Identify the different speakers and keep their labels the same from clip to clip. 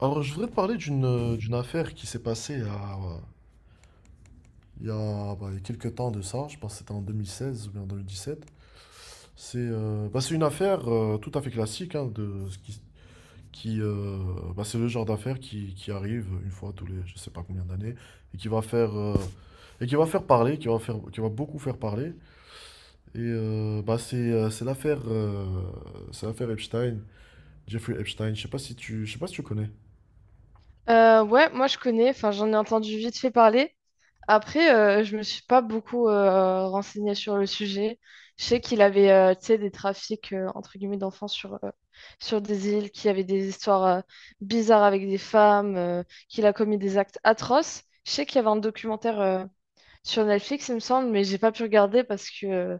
Speaker 1: Alors, je voudrais te parler d'une affaire qui s'est passée bah, il y a quelques temps de ça, je pense que c'était en 2016 ou bien en 2017. C'est Bah, c'est une affaire tout à fait classique, hein, de, ce qui, qui, euh, bah, c'est le genre d'affaire qui arrive une fois tous les je sais pas combien d'années et qui va faire parler, qui va beaucoup faire parler. Bah, c'est l'affaire Epstein, Jeffrey Epstein, je sais pas si tu connais.
Speaker 2: Ouais, moi je connais, enfin j'en ai entendu vite fait parler. Après, je me suis pas beaucoup renseignée sur le sujet. Je sais qu'il avait tu sais, des trafics entre guillemets d'enfants sur des îles, qu'il y avait des histoires bizarres avec des femmes, qu'il a commis des actes atroces. Je sais qu'il y avait un documentaire sur Netflix, il me semble, mais j'ai pas pu regarder parce que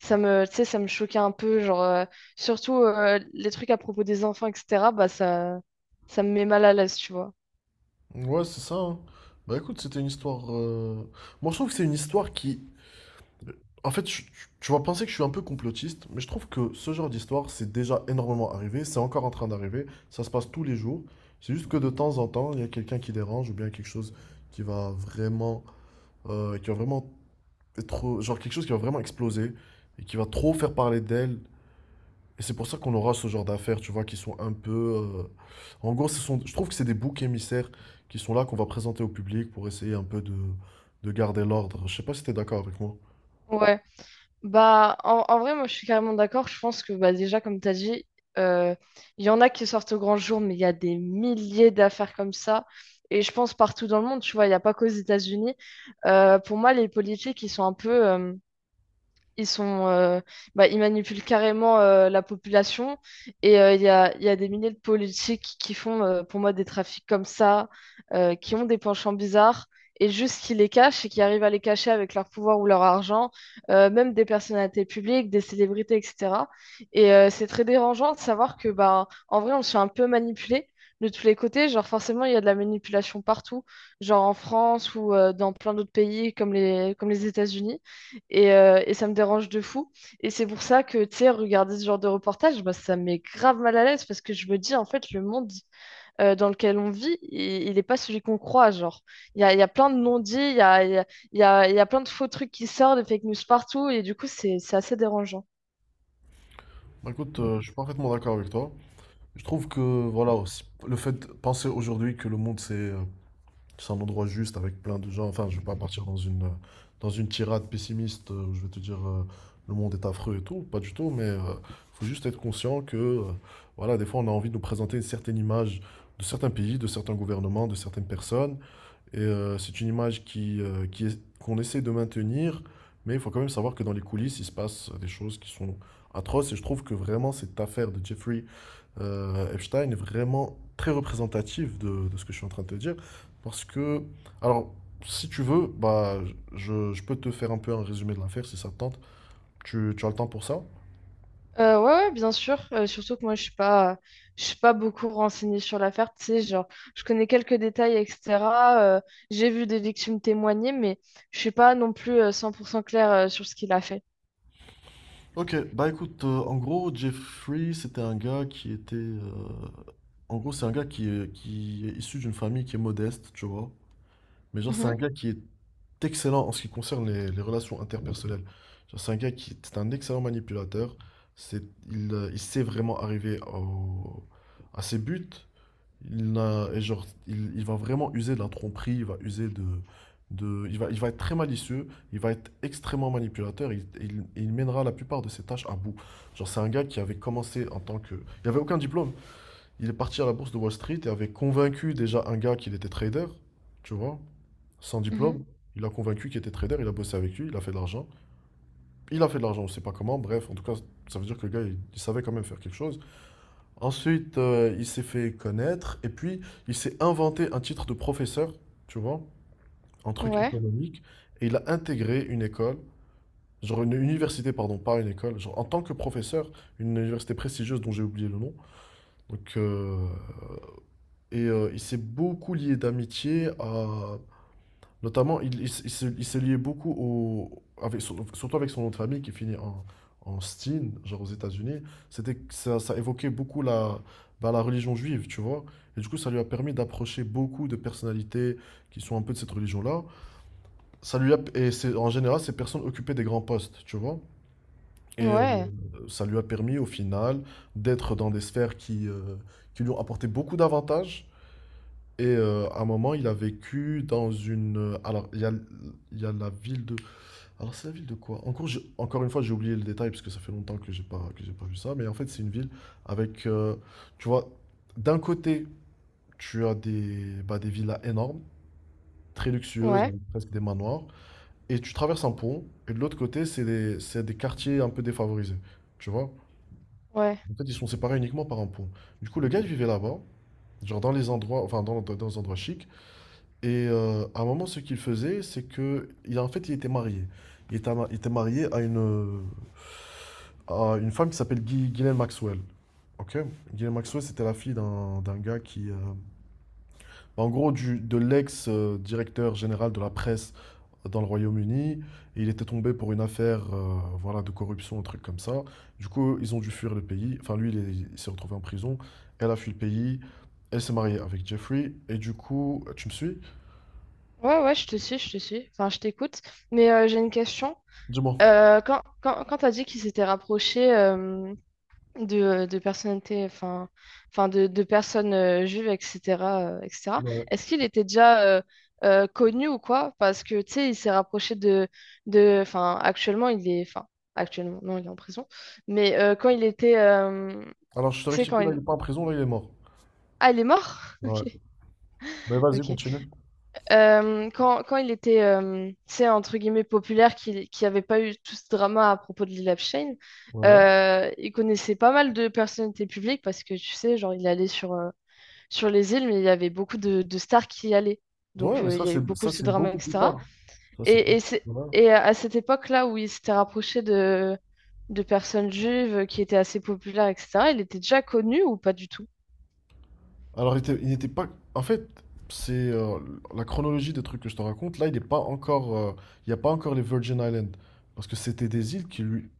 Speaker 2: tu sais, ça me choquait un peu, surtout les trucs à propos des enfants, etc. Bah ça, ça me met mal à l'aise, tu vois.
Speaker 1: Ouais, c'est ça, hein. Bah écoute, c'était une histoire, moi, je trouve que c'est une histoire qui. En fait, tu vas penser que je suis un peu complotiste, mais je trouve que ce genre d'histoire, c'est déjà énormément arrivé, c'est encore en train d'arriver, ça se passe tous les jours. C'est juste que de temps en temps, il y a quelqu'un qui dérange ou bien quelque chose qui va vraiment. Qui va vraiment être. Genre quelque chose qui va vraiment exploser et qui va trop faire parler d'elle et c'est pour ça qu'on aura ce genre d'affaires, tu vois, qui sont un peu. En gros, ce sont. Je trouve que c'est des boucs émissaires qui sont là, qu'on va présenter au public pour essayer un peu de garder l'ordre. Je sais pas si t'es d'accord avec moi.
Speaker 2: Ouais. Bah, en vrai, moi, je suis carrément d'accord. Je pense que, bah, déjà, comme tu as dit, euh, il y en a qui sortent au grand jour, mais il y a des milliers d'affaires comme ça. Et je pense partout dans le monde, tu vois, il n'y a pas qu'aux États-Unis. Pour moi, les politiques, ils sont un peu... ils sont, euh, bah, ils manipulent carrément la population. Et il y a des milliers de politiques qui font, pour moi, des trafics comme ça, qui ont des penchants bizarres, et juste qui les cachent et qui arrivent à les cacher avec leur pouvoir ou leur argent, même des personnalités publiques, des célébrités, etc. Et c'est très dérangeant de savoir que, bah, en vrai, on se fait un peu manipuler de tous les côtés, genre forcément il y a de la manipulation partout, genre en France ou dans plein d'autres pays comme comme les États-Unis. Et ça me dérange de fou. Et c'est pour ça que, tu sais, regarder ce genre de reportage, bah, ça me met grave mal à l'aise parce que je me dis, en fait, le monde dans lequel on vit, il est pas celui qu'on croit. Genre, il y a plein de non-dits, il y a, il y a, il y a, il y a plein de faux trucs qui sortent, des fake news partout. Et du coup, c'est assez dérangeant.
Speaker 1: Bah, écoute, je suis parfaitement d'accord avec toi. Je trouve que, voilà, aussi, le fait de penser aujourd'hui que le monde s'est, c'est un endroit juste avec plein de gens. Enfin, je vais pas partir dans dans une tirade pessimiste, où je vais te dire, le monde est affreux et tout. Pas du tout, mais faut juste être conscient que, voilà, des fois, on a envie de nous présenter une certaine image de certains pays, de certains gouvernements, de certaines personnes. Et c'est une image qui, qu'on essaie de maintenir, mais il faut quand même savoir que dans les coulisses, il se passe des choses qui sont atroces. Et je trouve que vraiment cette affaire de Jeffrey Epstein est vraiment très représentative de ce que je suis en train de te dire. Parce que, alors, si tu veux, bah, je peux te faire un peu un résumé de l'affaire si ça te tente. Tu as le temps pour ça?
Speaker 2: Ouais, bien sûr. Surtout que moi, je suis pas beaucoup renseignée sur l'affaire. Tu sais, genre, je connais quelques détails, etc. Euh, j'ai vu des victimes témoigner, mais je suis pas non plus 100% claire sur ce qu'il a fait.
Speaker 1: Ok, bah écoute, en gros, Jeffrey, c'était un gars qui était. En gros, c'est un gars qui est issu d'une famille qui est modeste, tu vois. Mais genre, c'est un
Speaker 2: Mhm,
Speaker 1: gars qui est excellent en ce qui concerne les relations interpersonnelles. Genre, c'est un gars qui est un excellent manipulateur. C'est, il sait vraiment arriver à ses buts. Il n'a, Et genre, il va vraiment user de la tromperie, il va user il va être très malicieux, il va être extrêmement manipulateur, il mènera la plupart de ses tâches à bout. Genre, c'est un gars qui avait commencé en tant que. Il avait aucun diplôme. Il est parti à la bourse de Wall Street et avait convaincu déjà un gars qu'il était trader, tu vois. Sans
Speaker 2: mhm.
Speaker 1: diplôme, il a convaincu qu'il était trader, il a bossé avec lui, il a fait de l'argent. Il a fait de l'argent, on ne sait pas comment, bref, en tout cas, ça veut dire que le gars, il savait quand même faire quelque chose. Ensuite, il s'est fait connaître, et puis il s'est inventé un titre de professeur, tu vois, un truc
Speaker 2: Ouais,
Speaker 1: économique, et il a intégré une école, genre une université, pardon, pas une école, genre en tant que professeur, une université prestigieuse dont j'ai oublié le nom. Donc, il s'est beaucoup lié d'amitié à. Notamment, il se liait beaucoup surtout avec son nom de famille qui finit en Steen, genre aux États-Unis. Ça évoquait beaucoup bah, la religion juive, tu vois. Et du coup, ça lui a permis d'approcher beaucoup de personnalités qui sont un peu de cette religion-là. Ça lui a, et c'est, En général, ces personnes occupaient des grands postes, tu vois.
Speaker 2: ouais,
Speaker 1: Et
Speaker 2: ouais,
Speaker 1: ça lui a permis, au final, d'être dans des sphères qui lui ont apporté beaucoup d'avantages. Et à un moment, il a vécu dans une. Alors, il y a la ville de. Alors c'est la ville de quoi? Encore, encore une fois, j'ai oublié le détail parce que ça fait longtemps que j'ai pas vu ça. Mais en fait, c'est une ville avec, tu vois, d'un côté, tu as des villas énormes, très luxueuses,
Speaker 2: ouais,
Speaker 1: avec presque des manoirs, et tu traverses un pont. Et de l'autre côté, c'est des quartiers un peu défavorisés, tu vois. En fait, ils sont séparés uniquement par un pont. Du coup, le gars il vivait là-bas, genre dans les endroits, enfin dans les endroits chics. Et à un moment, ce qu'il faisait, c'est que, en fait, il était marié. Il était marié à à une femme qui s'appelle Ghislaine Maxwell. Ok? Ghislaine Maxwell, c'était la fille d'un gars qui, bah, en gros, de l'ex-directeur général de la presse dans le Royaume-Uni. Et il était tombé pour une affaire, voilà, de corruption, un truc comme ça. Du coup, ils ont dû fuir le pays. Enfin, lui, il s'est retrouvé en prison. Elle a fui le pays. Elle s'est mariée avec Jeffrey. Et du coup, tu me suis?
Speaker 2: ouais, je te suis. Enfin, je t'écoute. Mais j'ai une question.
Speaker 1: Dis-moi.
Speaker 2: Quand tu as dit qu'ils s'étaient rapprochés de personnalités, enfin, enfin de personnes juives, etc., etc., est-ce qu'il était déjà connu ou quoi? Parce que, tu sais, il s'est rapproché de... Enfin, actuellement, il est... Enfin, actuellement, non, il est en prison. Mais quand il était...
Speaker 1: Alors, je te
Speaker 2: tu sais, quand
Speaker 1: rectifie, là,
Speaker 2: il...
Speaker 1: il est pas en prison, là, il est mort.
Speaker 2: Ah, il est mort?
Speaker 1: Ouais. Mais vas-y,
Speaker 2: Ok.
Speaker 1: continue.
Speaker 2: Quand il était, tu sais, entre guillemets, populaire, qu'il avait pas eu tout ce drama à propos de Lil Abshein,
Speaker 1: Ouais.
Speaker 2: il connaissait pas mal de personnalités publiques parce que, tu sais, genre, il allait sur les îles, mais il y avait beaucoup de stars qui y allaient. Donc,
Speaker 1: Ouais, mais
Speaker 2: il y a eu beaucoup
Speaker 1: ça,
Speaker 2: de ce
Speaker 1: c'est
Speaker 2: drama,
Speaker 1: beaucoup plus
Speaker 2: etc.
Speaker 1: tard. Ça, c'est plus. Voilà.
Speaker 2: Et à cette époque-là où il s'était rapproché de personnes juives qui étaient assez populaires, etc., il était déjà connu ou pas du tout?
Speaker 1: Alors, il n'était pas. En fait, c'est la chronologie des trucs que je te raconte. Là, il n'est pas encore. Il n'y a pas encore les Virgin Islands. Parce que c'était des îles qui, lui,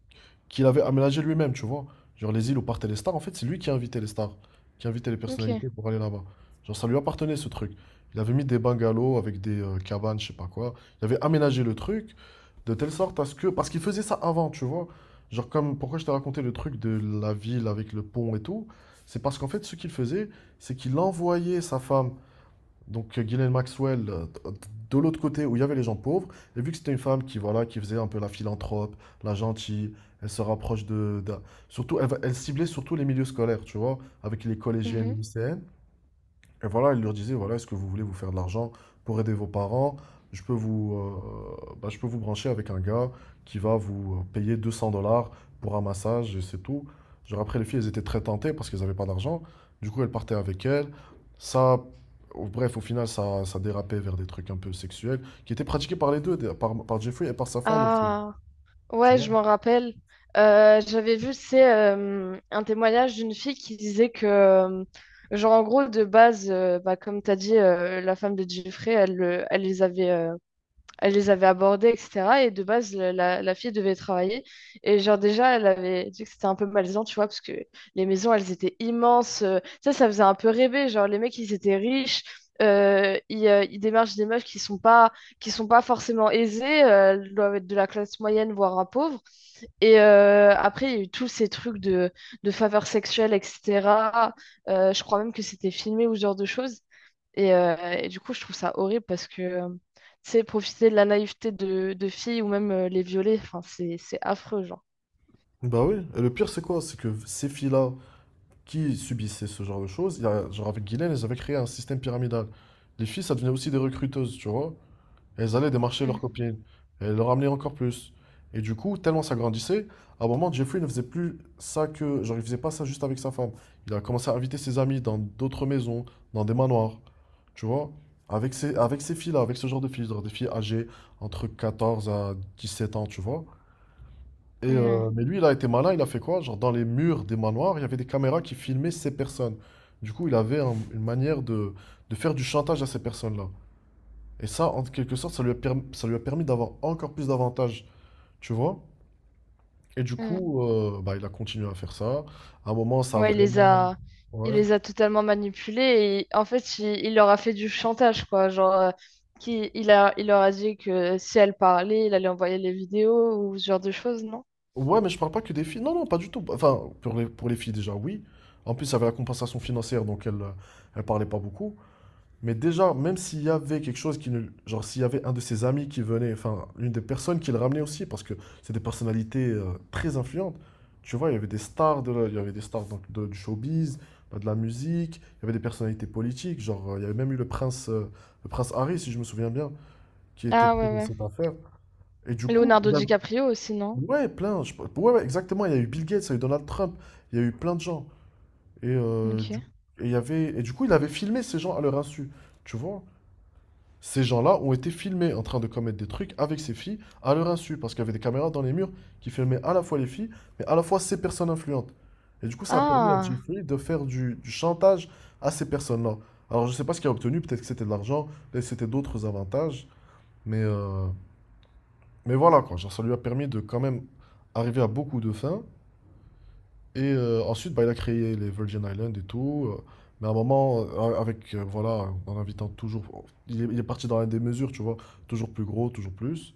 Speaker 1: qu'il avait aménagé lui-même, tu vois. Genre les îles où partaient les stars, en fait, c'est lui qui invitait les stars, qui invitait les
Speaker 2: Ok.
Speaker 1: personnalités pour aller là-bas. Genre ça lui appartenait ce truc. Il avait mis des bungalows avec des cabanes, je sais pas quoi. Il avait aménagé le truc de telle sorte à ce que. Parce qu'il faisait ça avant, tu vois. Genre comme pourquoi je t'ai raconté le truc de la ville avec le pont et tout, c'est parce qu'en fait ce qu'il faisait, c'est qu'il envoyait sa femme donc Ghislaine Maxwell, de l'autre côté où il y avait les gens pauvres, et vu que c'était une femme qui, voilà, qui faisait un peu la philanthrope, la gentille, elle se rapproche surtout, elle ciblait surtout les milieux scolaires, tu vois, avec les collégiennes, les
Speaker 2: Mhm.
Speaker 1: lycéennes. Et voilà, il leur disait, voilà, est-ce que vous voulez vous faire de l'argent pour aider vos parents? Je peux vous brancher avec un gars qui va vous payer 200 dollars pour un massage et c'est tout. Genre après, les filles, elles étaient très tentées parce qu'elles n'avaient pas d'argent. Du coup, elles partaient avec elles. Ça, Bref, au final, ça dérapait vers des trucs un peu sexuels qui étaient pratiqués par les deux, par Jeffrey et par sa femme aussi.
Speaker 2: Ah,
Speaker 1: Tu
Speaker 2: ouais,
Speaker 1: vois?
Speaker 2: je m'en rappelle. J'avais vu, c'est un témoignage d'une fille qui disait que, genre, en gros, de base, bah, comme tu as dit, la femme de Jeffrey, elle les avait abordés, etc. Et de base, la fille devait travailler. Et, genre, déjà, elle avait dit que c'était un peu malaisant, tu vois, parce que les maisons, elles étaient immenses. Ça, ça faisait un peu rêver. Genre, les mecs, ils étaient riches. Ils démarchent des meufs qui sont pas forcément aisées. Euh, elles doivent être de la classe moyenne, voire un pauvre. Et après, il y a eu tous ces trucs de faveurs sexuelles, etc. Je crois même que c'était filmé ou ce genre de choses. Et du coup, je trouve ça horrible parce que, tu sais, profiter de la naïveté de filles ou même les violer, enfin, c'est affreux, genre.
Speaker 1: Bah oui. Et le pire, c'est quoi? C'est que ces filles-là, qui subissaient ce genre de choses. Genre avec Guylaine, elles avaient créé un système pyramidal. Les filles, ça devenait aussi des recruteuses, tu vois. Elles allaient démarcher
Speaker 2: Mm,
Speaker 1: leurs copines. Et elles leur amenaient encore plus. Et du coup, tellement ça grandissait, à un moment, Jeffrey ne faisait plus ça que. Genre, il faisait pas ça juste avec sa femme. Il a commencé à inviter ses amis dans d'autres maisons, dans des manoirs, tu vois. Avec ces filles-là, avec ce genre de filles, genre des filles âgées entre 14 à 17 ans, tu vois. Et,
Speaker 2: mm,
Speaker 1: mais lui, il a été malin, il a fait quoi? Genre, dans les murs des manoirs, il y avait des caméras qui filmaient ces personnes. Du coup, il avait une manière de faire du chantage à ces personnes-là. Et ça, en quelque sorte, ça lui a permis d'avoir encore plus d'avantages, tu vois? Et du
Speaker 2: mm.
Speaker 1: coup, bah, il a continué à faire ça. À un moment, ça a
Speaker 2: Ouais, il les
Speaker 1: vraiment.
Speaker 2: a, il
Speaker 1: Ouais.
Speaker 2: les a totalement manipulés et en fait, il leur a fait du chantage, quoi. Genre, il leur a dit que si elles parlaient, il allait envoyer les vidéos ou ce genre de choses, non?
Speaker 1: Ouais, mais je parle pas que des filles. Non, non, pas du tout. Enfin, pour les filles, déjà, oui. En plus, il y avait la compensation financière, donc elle parlait pas beaucoup. Mais déjà, même s'il y avait quelque chose qui ne. Genre, s'il y avait un de ses amis qui venait, enfin, une des personnes qui le ramenait aussi, parce que c'est des personnalités très influentes. Tu vois, il y avait des stars donc, du showbiz, bah, de la musique, il y avait des personnalités politiques. Genre, il y avait même eu le prince Harry, si je me souviens bien, qui était
Speaker 2: Ah
Speaker 1: pris
Speaker 2: ouais,
Speaker 1: dans
Speaker 2: ouais.
Speaker 1: cette affaire. Et du coup,
Speaker 2: Leonardo DiCaprio aussi, non?
Speaker 1: Ouais, plein. Ouais, ouais, exactement. Il y a eu Bill Gates, il y a eu Donald Trump, il y a eu plein de gens. Et, euh, du...
Speaker 2: Ok.
Speaker 1: du coup, il avait filmé ces gens à leur insu. Tu vois? Ces gens-là ont été filmés en train de commettre des trucs avec ces filles à leur insu, parce qu'il y avait des caméras dans les murs qui filmaient à la fois les filles, mais à la fois ces personnes influentes. Et du coup, ça a permis à
Speaker 2: Ah,
Speaker 1: Jeffrey de faire du chantage à ces personnes-là. Alors, je sais pas ce qu'il a obtenu, peut-être que c'était de l'argent, peut-être que c'était d'autres avantages, mais, euh, mais voilà, quoi. Genre, ça lui a permis de quand même arriver à beaucoup de fins, et ensuite, bah, il a créé les Virgin Islands et tout. Mais à un moment, voilà, en invitant toujours. Il est parti dans la démesure, tu vois. Toujours plus gros, toujours plus.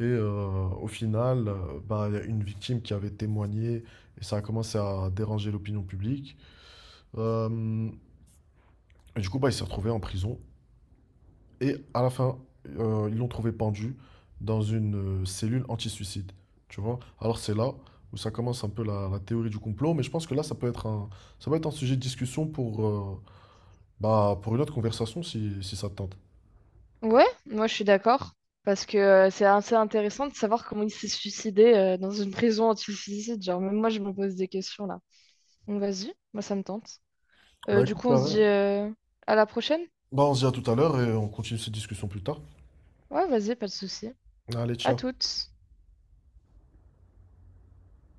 Speaker 1: Et au final, bah, il y a une victime qui avait témoigné et ça a commencé à déranger l'opinion publique. Euh, et du coup, bah, il s'est retrouvé en prison. Et à la fin, ils l'ont trouvé pendu dans une cellule anti-suicide. Tu vois? Alors c'est là où ça commence un peu la théorie du complot, mais je pense que là, ça peut être un sujet de discussion pour, bah, pour une autre conversation si, si ça te tente.
Speaker 2: ouais, moi je suis d'accord. Parce que c'est assez intéressant de savoir comment il s'est suicidé dans une prison anti-suicide. Genre, même moi je me pose des questions là. Donc vas-y, moi ça me tente.
Speaker 1: Bah
Speaker 2: Du
Speaker 1: écoute,
Speaker 2: coup,
Speaker 1: t'as
Speaker 2: on se dit
Speaker 1: raison.
Speaker 2: à la prochaine?
Speaker 1: Bah, on se dit à tout à l'heure et on continue cette discussion plus tard.
Speaker 2: Ouais, vas-y, pas de souci.
Speaker 1: Allez,
Speaker 2: À
Speaker 1: ciao.
Speaker 2: toutes.